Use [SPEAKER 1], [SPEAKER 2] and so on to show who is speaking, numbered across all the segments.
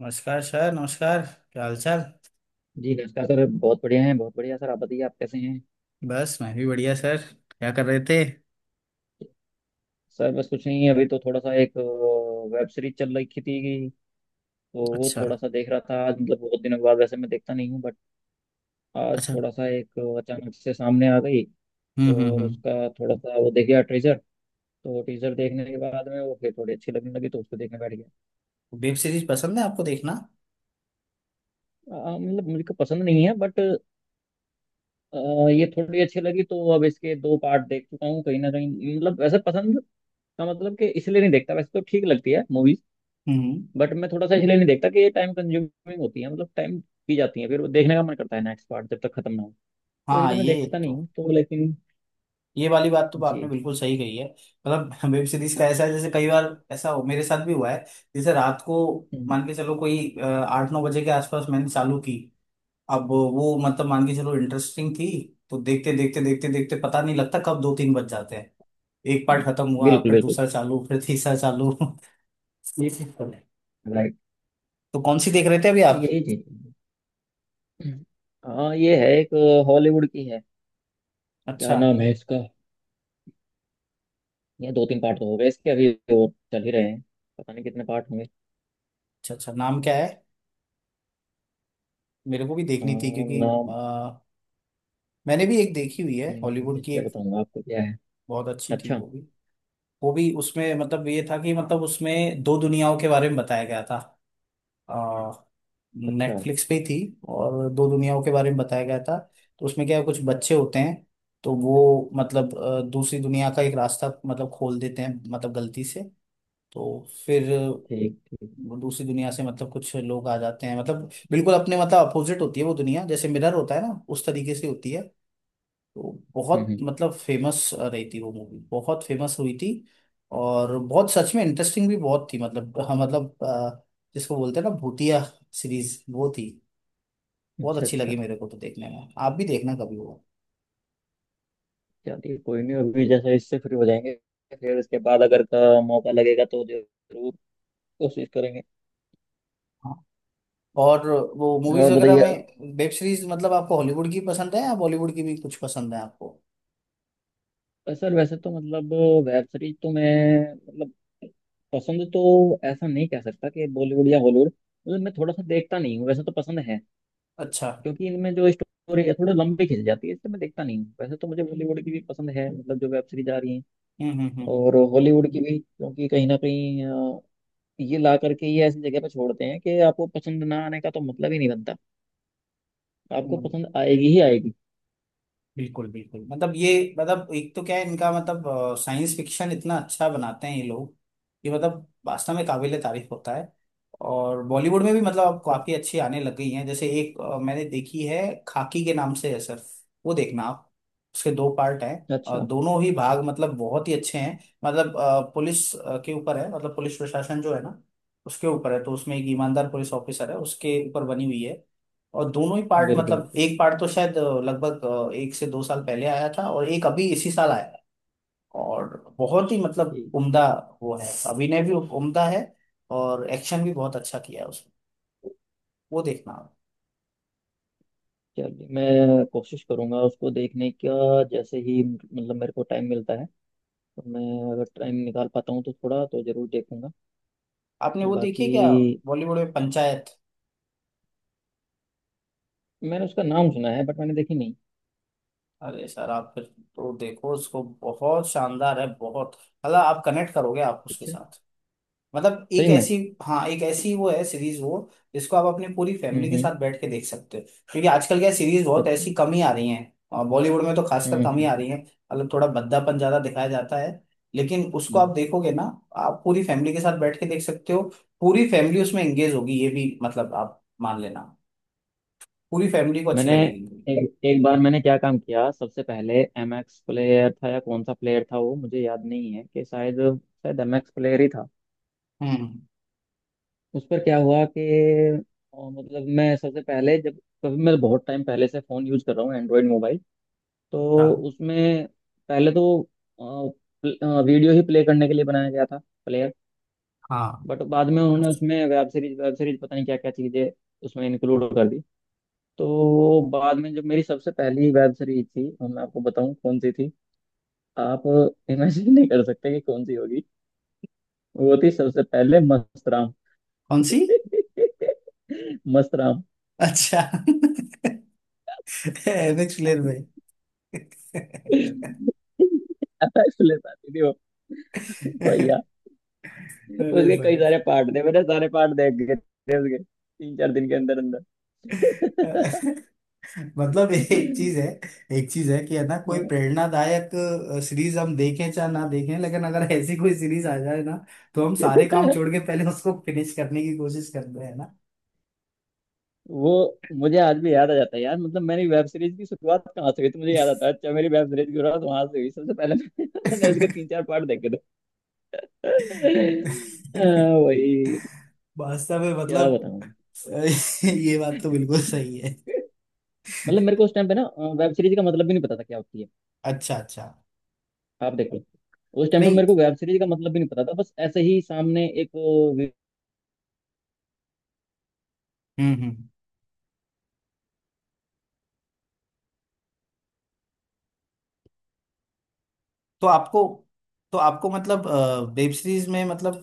[SPEAKER 1] नमस्कार सर, नमस्कार। क्या हाल चाल।
[SPEAKER 2] जी नमस्कार सर। बहुत बढ़िया हैं, बहुत बढ़िया सर। आप बताइए, आप कैसे हैं?
[SPEAKER 1] बस मैं भी बढ़िया सर। क्या कर रहे थे?
[SPEAKER 2] सर बस कुछ नहीं, अभी तो थोड़ा सा एक वेब सीरीज चल रही थी, तो वो
[SPEAKER 1] अच्छा।
[SPEAKER 2] थोड़ा सा देख रहा था आज। मतलब बहुत दिनों के बाद, वैसे मैं देखता नहीं हूँ, बट आज
[SPEAKER 1] अच्छा।
[SPEAKER 2] थोड़ा सा एक अचानक से सामने आ गई।
[SPEAKER 1] हम्म, हम्म,
[SPEAKER 2] और
[SPEAKER 1] हम्म।
[SPEAKER 2] उसका थोड़ा सा वो देख गया टीजर, तो टीजर देखने के बाद में वो फिर थोड़ी अच्छी लगने लगी, तो उसको देखने बैठ गया।
[SPEAKER 1] वेब सीरीज पसंद है आपको देखना?
[SPEAKER 2] मतलब मुझे को पसंद नहीं है, बट अ, ये थोड़ी अच्छी लगी, तो अब इसके दो पार्ट देख चुका हूँ। कहीं ना कहीं मतलब वैसे पसंद का मतलब कि इसलिए नहीं देखता, वैसे तो ठीक लगती है मूवीज,
[SPEAKER 1] हम्म।
[SPEAKER 2] बट मैं थोड़ा सा इसलिए नहीं देखता कि ये टाइम कंज्यूमिंग होती है। मतलब टाइम पी जाती है, फिर वो देखने का मन करता है नेक्स्ट पार्ट जब तक खत्म ना हो, तो
[SPEAKER 1] हाँ,
[SPEAKER 2] इसलिए मैं देखता नहीं हूँ, तो लेकिन।
[SPEAKER 1] ये वाली बात तो आपने
[SPEAKER 2] जी।
[SPEAKER 1] बिल्कुल सही कही है मतलब वेब सीरीज का ऐसा है, जैसे कई बार ऐसा हो, मेरे साथ भी हुआ है। जैसे रात को
[SPEAKER 2] हम्म।
[SPEAKER 1] मान के चलो कोई 8 9 बजे के आसपास मैंने चालू की। अब वो मतलब मान के चलो इंटरेस्टिंग थी, तो देखते देखते देखते देखते पता नहीं लगता कब 2 3 बज जाते हैं। एक पार्ट खत्म हुआ
[SPEAKER 2] बिल्कुल
[SPEAKER 1] फिर
[SPEAKER 2] बिल्कुल।
[SPEAKER 1] दूसरा चालू फिर तीसरा चालू। ये चीज़ तो है।
[SPEAKER 2] राइट।
[SPEAKER 1] तो कौन सी देख रहे थे अभी आप?
[SPEAKER 2] यही चीज। हाँ ये है एक, हॉलीवुड की है। क्या
[SPEAKER 1] अच्छा।
[SPEAKER 2] नाम है इसका? ये दो तीन पार्ट तो हो गए इसके, अभी और चल ही रहे हैं। पता नहीं कितने पार्ट होंगे।
[SPEAKER 1] अच्छा। अच्छा, नाम क्या है? मेरे को भी
[SPEAKER 2] अ,
[SPEAKER 1] देखनी थी, क्योंकि
[SPEAKER 2] नाम।
[SPEAKER 1] अ, मैंने भी एक देखी हुई है हॉलीवुड
[SPEAKER 2] ठीक
[SPEAKER 1] की
[SPEAKER 2] है,
[SPEAKER 1] एक।
[SPEAKER 2] बताऊंगा आपको क्या है।
[SPEAKER 1] बहुत अच्छी थी
[SPEAKER 2] अच्छा
[SPEAKER 1] वो भी उसमें मतलब ये था कि मतलब उसमें दो दुनियाओं के बारे में बताया गया था।
[SPEAKER 2] अच्छा।
[SPEAKER 1] नेटफ्लिक्स पे ही थी। और दो दुनियाओं के बारे में बताया गया था। तो उसमें क्या है, कुछ बच्चे होते हैं। तो वो मतलब दूसरी दुनिया का एक रास्ता मतलब खोल देते हैं मतलब गलती से। तो फिर
[SPEAKER 2] ठीक ठीक।
[SPEAKER 1] दूसरी दुनिया से मतलब कुछ लोग आ जाते हैं, मतलब बिल्कुल अपने मतलब अपोजिट होती है वो दुनिया, जैसे मिरर होता है ना उस तरीके से होती है। तो बहुत
[SPEAKER 2] हम्म।
[SPEAKER 1] मतलब फेमस रही थी वो मूवी, बहुत फेमस हुई थी। और बहुत सच में इंटरेस्टिंग भी बहुत थी, मतलब हाँ मतलब जिसको बोलते हैं ना भूतिया सीरीज, वो थी। बहुत
[SPEAKER 2] अच्छा
[SPEAKER 1] अच्छी
[SPEAKER 2] अच्छा।
[SPEAKER 1] लगी मेरे को तो देखने में, आप भी देखना कभी वो।
[SPEAKER 2] चलिए कोई नहीं, अभी जैसे इससे फ्री हो जाएंगे, फिर इसके बाद अगर का मौका लगेगा तो जरूर कोशिश करेंगे।
[SPEAKER 1] हाँ। और वो
[SPEAKER 2] और
[SPEAKER 1] मूवीज वगैरह
[SPEAKER 2] बताइए आप-
[SPEAKER 1] में वेब सीरीज मतलब आपको हॉलीवुड की पसंद है या बॉलीवुड की भी कुछ पसंद है आपको?
[SPEAKER 2] सर वैसे तो मतलब वेब सीरीज तो मैं, मतलब पसंद तो ऐसा नहीं कह सकता कि बॉलीवुड या हॉलीवुड। मतलब मैं थोड़ा सा देखता नहीं हूँ, वैसे तो पसंद है,
[SPEAKER 1] अच्छा।
[SPEAKER 2] क्योंकि इनमें जो स्टोरी है थोड़ी लंबी खिंच जाती है, इसलिए मैं देखता नहीं हूँ। वैसे तो मुझे बॉलीवुड की भी पसंद है, मतलब जो वेब सीरीज आ रही है,
[SPEAKER 1] हम्म, हम्म, हम्म।
[SPEAKER 2] और हॉलीवुड की भी, क्योंकि कहीं ना कहीं ये ला करके ये ऐसी जगह पे छोड़ते हैं कि आपको पसंद ना आने का तो मतलब ही नहीं बनता। आपको
[SPEAKER 1] हम्म।
[SPEAKER 2] पसंद आएगी ही आएगी।
[SPEAKER 1] बिल्कुल बिल्कुल, मतलब ये मतलब एक तो क्या है इनका, मतलब साइंस फिक्शन इतना अच्छा बनाते हैं ये लोग कि मतलब वास्तव में काबिले तारीफ होता है। और बॉलीवुड में भी मतलब अब काफी अच्छी आने लग गई हैं। जैसे एक मैंने देखी है, खाकी के नाम से है सर। वो देखना आप। उसके दो पार्ट हैं और
[SPEAKER 2] अच्छा।
[SPEAKER 1] दोनों ही भाग मतलब बहुत ही अच्छे हैं। मतलब पुलिस के ऊपर है, मतलब पुलिस प्रशासन जो है ना उसके ऊपर है, तो उसमें एक ईमानदार पुलिस ऑफिसर है उसके ऊपर बनी हुई है। और दोनों ही पार्ट,
[SPEAKER 2] बिल्कुल
[SPEAKER 1] मतलब
[SPEAKER 2] बिल्कुल।
[SPEAKER 1] एक पार्ट तो शायद लगभग 1 से 2 साल पहले आया था और एक अभी इसी साल आया है। और बहुत ही मतलब
[SPEAKER 2] ठीक।
[SPEAKER 1] उम्दा वो है। अभिनय भी उम्दा है और एक्शन भी बहुत अच्छा किया है उसमें। वो देखना आप।
[SPEAKER 2] चलिए मैं कोशिश करूंगा उसको देखने का, जैसे ही मतलब मेरे को टाइम मिलता है, तो मैं अगर टाइम निकाल पाता हूँ, तो थोड़ा तो जरूर देखूंगा।
[SPEAKER 1] आपने वो देखी
[SPEAKER 2] बाकी
[SPEAKER 1] है क्या, बॉलीवुड में पंचायत?
[SPEAKER 2] मैंने उसका नाम सुना है, बट मैंने देखी नहीं।
[SPEAKER 1] अरे सर आप फिर तो देखो उसको, बहुत शानदार है, बहुत। हालांकि आप कनेक्ट करोगे आप उसके
[SPEAKER 2] अच्छा।
[SPEAKER 1] साथ। मतलब एक
[SPEAKER 2] सही में।
[SPEAKER 1] ऐसी, हाँ, एक ऐसी वो है सीरीज, वो जिसको आप अपनी पूरी फैमिली के
[SPEAKER 2] हम्म।
[SPEAKER 1] साथ बैठ के देख सकते हो। क्योंकि आजकल क्या, सीरीज बहुत
[SPEAKER 2] अच्छा।
[SPEAKER 1] ऐसी कम ही आ रही हैं और बॉलीवुड में तो खासकर कम ही आ
[SPEAKER 2] हम्म।
[SPEAKER 1] रही हैं। मतलब थोड़ा भद्दापन ज्यादा दिखाया जाता है। लेकिन उसको आप
[SPEAKER 2] हम्म।
[SPEAKER 1] देखोगे ना, आप पूरी फैमिली के साथ बैठ के देख सकते हो। पूरी फैमिली उसमें एंगेज होगी ये भी, मतलब आप मान लेना, पूरी फैमिली को अच्छी
[SPEAKER 2] मैंने
[SPEAKER 1] लगेगी।
[SPEAKER 2] एक एक बार, मैंने क्या काम किया, सबसे पहले एम एक्स प्लेयर था या कौन सा प्लेयर था वो मुझे याद नहीं है, कि शायद शायद एम एक्स प्लेयर ही था।
[SPEAKER 1] हम्म।
[SPEAKER 2] उस पर क्या हुआ कि मतलब मैं सबसे पहले जब, कभी मैं बहुत टाइम पहले से फ़ोन यूज कर रहा हूँ एंड्रॉयड मोबाइल,
[SPEAKER 1] अच्छा।
[SPEAKER 2] तो उसमें पहले तो वीडियो ही प्ले करने के लिए बनाया गया था प्लेयर।
[SPEAKER 1] हाँ।
[SPEAKER 2] बट बाद में उन्होंने उसमें वेब सीरीज पता नहीं क्या क्या चीज़ें उसमें इंक्लूड कर दी। तो बाद में जब मेरी सबसे पहली वेब सीरीज थी, और मैं आपको बताऊं कौन सी थी? आप इमेजिन नहीं कर सकते कि कौन सी होगी। वो थी सबसे पहले मस्तराम।
[SPEAKER 1] कौन सी?
[SPEAKER 2] मस्तराम
[SPEAKER 1] अच्छा। एमएक्स प्लेयर भाई।
[SPEAKER 2] इसलिए आती थी वो, भैया।
[SPEAKER 1] अरे
[SPEAKER 2] उसके कई
[SPEAKER 1] भाई।
[SPEAKER 2] सारे पार्ट थे, मैंने सारे पार्ट देख गए थे उसके तीन चार दिन के अंदर अंदर।
[SPEAKER 1] मतलब एक चीज है, एक चीज है कि है ना, कोई प्रेरणादायक सीरीज हम देखें चाहे ना देखें, लेकिन अगर ऐसी कोई सीरीज आ जाए ना, तो हम सारे काम छोड़ के पहले उसको फिनिश करने की कोशिश करते हैं ना।
[SPEAKER 2] वो मुझे आज भी याद आ जाता है यार, मतलब मेरी वेब सीरीज की शुरुआत कहाँ से हुई, तो मुझे याद आता है, अच्छा मेरी वेब सीरीज की शुरुआत वहां से हुई सबसे पहले। मैंने उसके तीन चार पार्ट देखे थे। हाँ, वही।
[SPEAKER 1] वास्तव में
[SPEAKER 2] क्या
[SPEAKER 1] मतलब
[SPEAKER 2] बताऊं।
[SPEAKER 1] ये बात तो बिल्कुल सही है।
[SPEAKER 2] मतलब मेरे को उस टाइम पे ना वेब सीरीज का मतलब भी नहीं पता था क्या होती है।
[SPEAKER 1] अच्छा। अच्छा।
[SPEAKER 2] आप देखो, उस टाइम पे
[SPEAKER 1] नहीं।
[SPEAKER 2] मेरे को वेब सीरीज का मतलब भी नहीं पता था, बस ऐसे ही सामने एक वे-
[SPEAKER 1] हम्म, हम्म। तो आपको तो आपको मतलब, वेब सीरीज में मतलब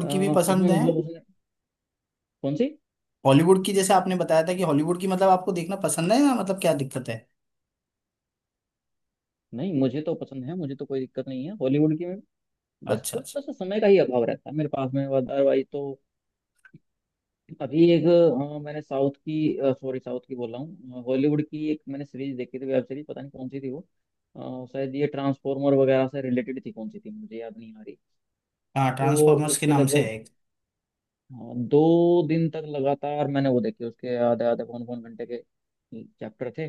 [SPEAKER 2] अ,
[SPEAKER 1] की भी
[SPEAKER 2] उसमें
[SPEAKER 1] पसंद है?
[SPEAKER 2] मतलब उसने, कौन सी?
[SPEAKER 1] हॉलीवुड की, जैसे आपने बताया था कि हॉलीवुड की मतलब आपको देखना पसंद है, या मतलब क्या दिक्कत है?
[SPEAKER 2] नहीं मुझे तो पसंद है, मुझे तो कोई दिक्कत नहीं है हॉलीवुड की में। बस
[SPEAKER 1] अच्छा। अच्छा।
[SPEAKER 2] थोड़ा सा समय का ही अभाव रहता है मेरे पास में, अदरवाइज तो अभी एक, मैंने साउथ की, सॉरी साउथ की बोल रहा हूँ, हॉलीवुड की एक मैंने सीरीज देखी थी वेब सीरीज, पता नहीं कौन सी थी वो। शायद ये ट्रांसफॉर्मर वगैरह से रिलेटेड थी, कौन सी थी मुझे याद नहीं आ रही।
[SPEAKER 1] हाँ,
[SPEAKER 2] तो
[SPEAKER 1] ट्रांसफॉर्मर्स के
[SPEAKER 2] उसके
[SPEAKER 1] नाम से
[SPEAKER 2] लगभग,
[SPEAKER 1] है एक।
[SPEAKER 2] हाँ दो दिन तक लगातार मैंने वो देखी, उसके आधे आधे पौन पौन घंटे के चैप्टर थे।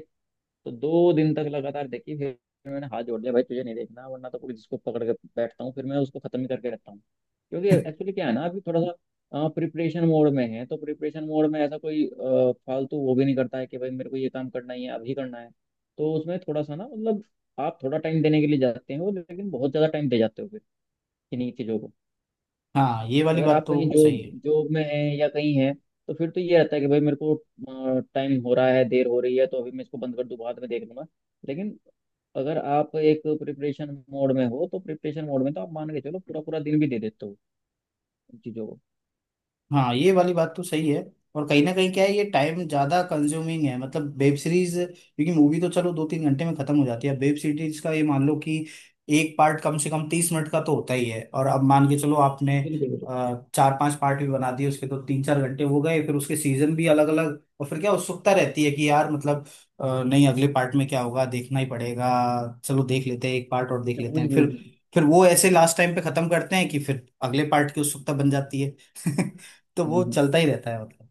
[SPEAKER 2] तो दो दिन तक लगातार देखी, फिर मैंने हाथ जोड़ लिया, भाई तुझे नहीं देखना, वरना तो कोई जिसको पकड़ के बैठता हूँ, फिर मैं उसको खत्म ही करके रखता हूँ। क्योंकि एक्चुअली क्या है ना, अभी थोड़ा सा प्रिपरेशन मोड में है, तो प्रिपरेशन मोड में ऐसा कोई फालतू वो भी नहीं करता है कि भाई मेरे को ये काम करना ही है, अभी करना है। तो उसमें थोड़ा सा ना मतलब, आप थोड़ा टाइम देने के लिए जाते हो, लेकिन बहुत ज्यादा टाइम दे जाते हो फिर इन्हीं चीजों को।
[SPEAKER 1] हाँ, ये वाली
[SPEAKER 2] अगर
[SPEAKER 1] बात
[SPEAKER 2] आप कहीं
[SPEAKER 1] तो
[SPEAKER 2] जॉब
[SPEAKER 1] सही है।
[SPEAKER 2] जॉब में हैं या कहीं हैं, तो फिर तो ये रहता है कि भाई मेरे को टाइम हो रहा है, देर हो रही है, तो अभी मैं इसको बंद कर दूं, बाद में देख लूंगा। लेकिन अगर आप एक प्रिपरेशन मोड में हो, तो प्रिपरेशन मोड में तो आप मान के चलो पूरा पूरा दिन भी दे देते हो उन चीज़ों को।
[SPEAKER 1] हाँ, ये वाली बात तो सही है। और कहीं ना कहीं क्या है, ये टाइम ज्यादा कंज्यूमिंग है, मतलब वेब सीरीज, क्योंकि मूवी तो चलो 2 3 घंटे में खत्म हो जाती है, वेब सीरीज का ये मान लो कि एक पार्ट कम से कम 30 मिनट का तो होता ही है। और अब मान के चलो आपने
[SPEAKER 2] बिल्कुल बिल्कुल।
[SPEAKER 1] 4 5 पार्ट भी बना दिए उसके, तो 3 4 घंटे हो गए। फिर उसके सीजन भी अलग अलग, और फिर क्या उत्सुकता रहती है कि यार मतलब नहीं अगले पार्ट में क्या होगा, देखना ही पड़ेगा। चलो देख लेते हैं, एक पार्ट और देख लेते
[SPEAKER 2] वही
[SPEAKER 1] हैं
[SPEAKER 2] वही
[SPEAKER 1] फिर।
[SPEAKER 2] वही।
[SPEAKER 1] फिर वो ऐसे लास्ट टाइम पे खत्म करते हैं कि फिर अगले पार्ट की उत्सुकता बन जाती है। तो
[SPEAKER 2] हम्म
[SPEAKER 1] वो
[SPEAKER 2] हम्म।
[SPEAKER 1] चलता ही रहता है मतलब।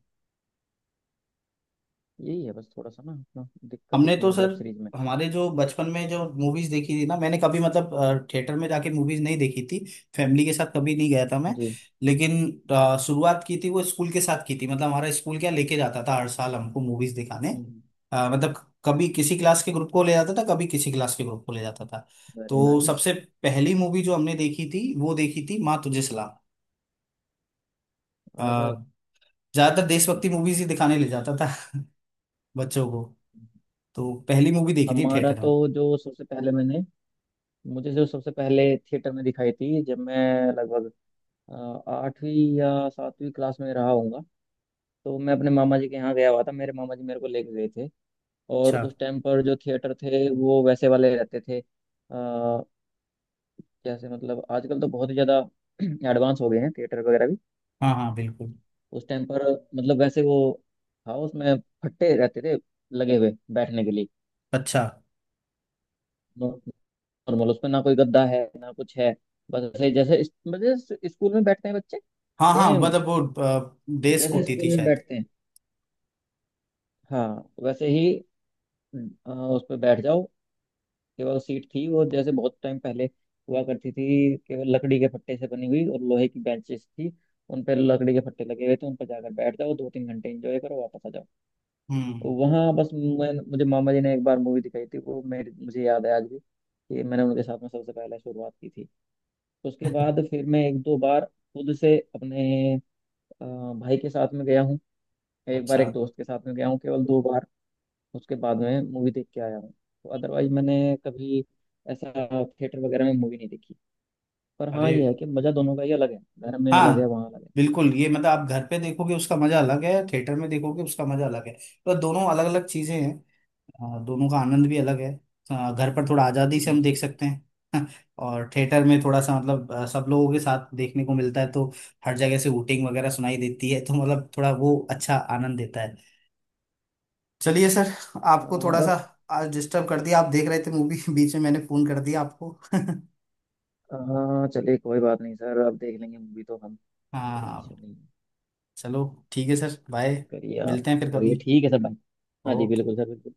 [SPEAKER 2] यही है, बस थोड़ा सा ना अपना दिक्कत
[SPEAKER 1] हमने तो
[SPEAKER 2] इसमें वेब
[SPEAKER 1] सर,
[SPEAKER 2] सीरीज में।
[SPEAKER 1] हमारे जो बचपन में जो मूवीज देखी थी ना, मैंने कभी मतलब थिएटर में जाके मूवीज नहीं देखी थी, फैमिली के साथ कभी नहीं गया था मैं।
[SPEAKER 2] जी।
[SPEAKER 1] लेकिन शुरुआत की थी वो स्कूल के साथ की थी, मतलब हमारा स्कूल क्या लेके जाता था हर साल हमको मूवीज दिखाने।
[SPEAKER 2] हम्म।
[SPEAKER 1] मतलब कभी किसी क्लास के ग्रुप को ले जाता था, कभी किसी क्लास के ग्रुप को ले जाता था।
[SPEAKER 2] वेरी
[SPEAKER 1] तो
[SPEAKER 2] नाइस।
[SPEAKER 1] सबसे पहली मूवी जो हमने देखी थी वो देखी थी माँ तुझे सलाम। अ,
[SPEAKER 2] अरे वाह,
[SPEAKER 1] ज्यादातर
[SPEAKER 2] क्या
[SPEAKER 1] देशभक्ति
[SPEAKER 2] मस्त।
[SPEAKER 1] मूवीज ही दिखाने ले जाता था। बच्चों को।
[SPEAKER 2] हम्म।
[SPEAKER 1] तो पहली मूवी देखी थी
[SPEAKER 2] हमारा
[SPEAKER 1] थिएटर में।
[SPEAKER 2] तो जो सबसे पहले मैंने, मुझे जो सबसे पहले थिएटर में दिखाई थी, जब मैं लगभग अ, आठवीं या सातवीं क्लास में रहा होऊंगा, तो मैं अपने मामा जी के यहाँ गया हुआ था, मेरे मामा जी मेरे को लेके गए थे। और
[SPEAKER 1] अच्छा।
[SPEAKER 2] उस टाइम पर जो थिएटर थे वो वैसे वाले रहते थे, जैसे मतलब आजकल तो बहुत ही ज़्यादा एडवांस हो गए हैं थिएटर वगैरह भी।
[SPEAKER 1] हाँ हाँ, बिल्कुल।
[SPEAKER 2] उस टाइम पर मतलब वैसे वो था, उसमें फट्टे रहते थे लगे हुए बैठने के लिए।
[SPEAKER 1] अच्छा।
[SPEAKER 2] नो- नॉर्मल उसमें ना कोई गद्दा है ना कुछ है, बस ऐसे ही जैसे मतलब जैसे स्कूल में बैठते हैं बच्चे,
[SPEAKER 1] हाँ हाँ,
[SPEAKER 2] सेम
[SPEAKER 1] मतलब वो देश
[SPEAKER 2] जैसे
[SPEAKER 1] होती
[SPEAKER 2] स्कूल
[SPEAKER 1] थी
[SPEAKER 2] में
[SPEAKER 1] शायद।
[SPEAKER 2] बैठते हैं, हाँ वैसे ही उस पर बैठ जाओ। केवल सीट थी वो, जैसे बहुत टाइम पहले हुआ करती थी, केवल लकड़ी के फट्टे से बनी हुई, और लोहे की बेंचेस थी, उन पर लकड़ी के फट्टे लगे हुए थे, उन पर जाकर बैठ जाओ, दो तीन घंटे एंजॉय करो, वापस आ जाओ।
[SPEAKER 1] हम्म।
[SPEAKER 2] वहाँ बस मैं, मुझे मामा जी ने एक बार मूवी दिखाई थी, वो मेरे मुझे याद है आज भी, कि मैंने उनके साथ में सबसे पहले शुरुआत की थी। उसके बाद फिर मैं एक दो बार खुद से अपने अ, भाई के साथ में गया हूँ, एक बार एक
[SPEAKER 1] अच्छा।
[SPEAKER 2] दोस्त के साथ में गया हूँ, केवल दो बार उसके बाद में मूवी देख के आया हूँ। तो अदरवाइज मैंने कभी ऐसा थिएटर वगैरह में मूवी नहीं देखी। पर हाँ
[SPEAKER 1] अरे
[SPEAKER 2] ये है कि मज़ा दोनों का ही अलग है, घर में अलग है,
[SPEAKER 1] हाँ,
[SPEAKER 2] वहाँ अलग है।
[SPEAKER 1] बिल्कुल, ये मतलब आप घर पे देखोगे उसका मजा अलग है, थिएटर में देखोगे उसका मजा अलग है। तो दोनों अलग अलग चीजें हैं। दोनों का आनंद भी अलग है। घर पर थोड़ा आजादी से हम देख
[SPEAKER 2] जी।
[SPEAKER 1] सकते हैं। और थिएटर में थोड़ा सा मतलब सब लोगों के साथ देखने को मिलता है। तो हर जगह से हूटिंग वगैरह सुनाई देती है, तो मतलब थोड़ा वो अच्छा आनंद देता है। चलिए सर, आपको
[SPEAKER 2] हाँ
[SPEAKER 1] थोड़ा सा
[SPEAKER 2] और।
[SPEAKER 1] आज डिस्टर्ब कर दिया, आप देख रहे थे मूवी बीच में मैंने फोन कर दिया आपको।
[SPEAKER 2] हाँ चलिए कोई बात नहीं सर, अब देख लेंगे मूवी तो हम,
[SPEAKER 1] हाँ
[SPEAKER 2] कोई इशू
[SPEAKER 1] हाँ।
[SPEAKER 2] नहीं है।
[SPEAKER 1] चलो, ठीक है सर, बाय।
[SPEAKER 2] करिए आप,
[SPEAKER 1] मिलते हैं फिर कभी।
[SPEAKER 2] करिए ठीक है सर, बाय। हाँ जी
[SPEAKER 1] ओके।
[SPEAKER 2] बिल्कुल सर, बिल्कुल।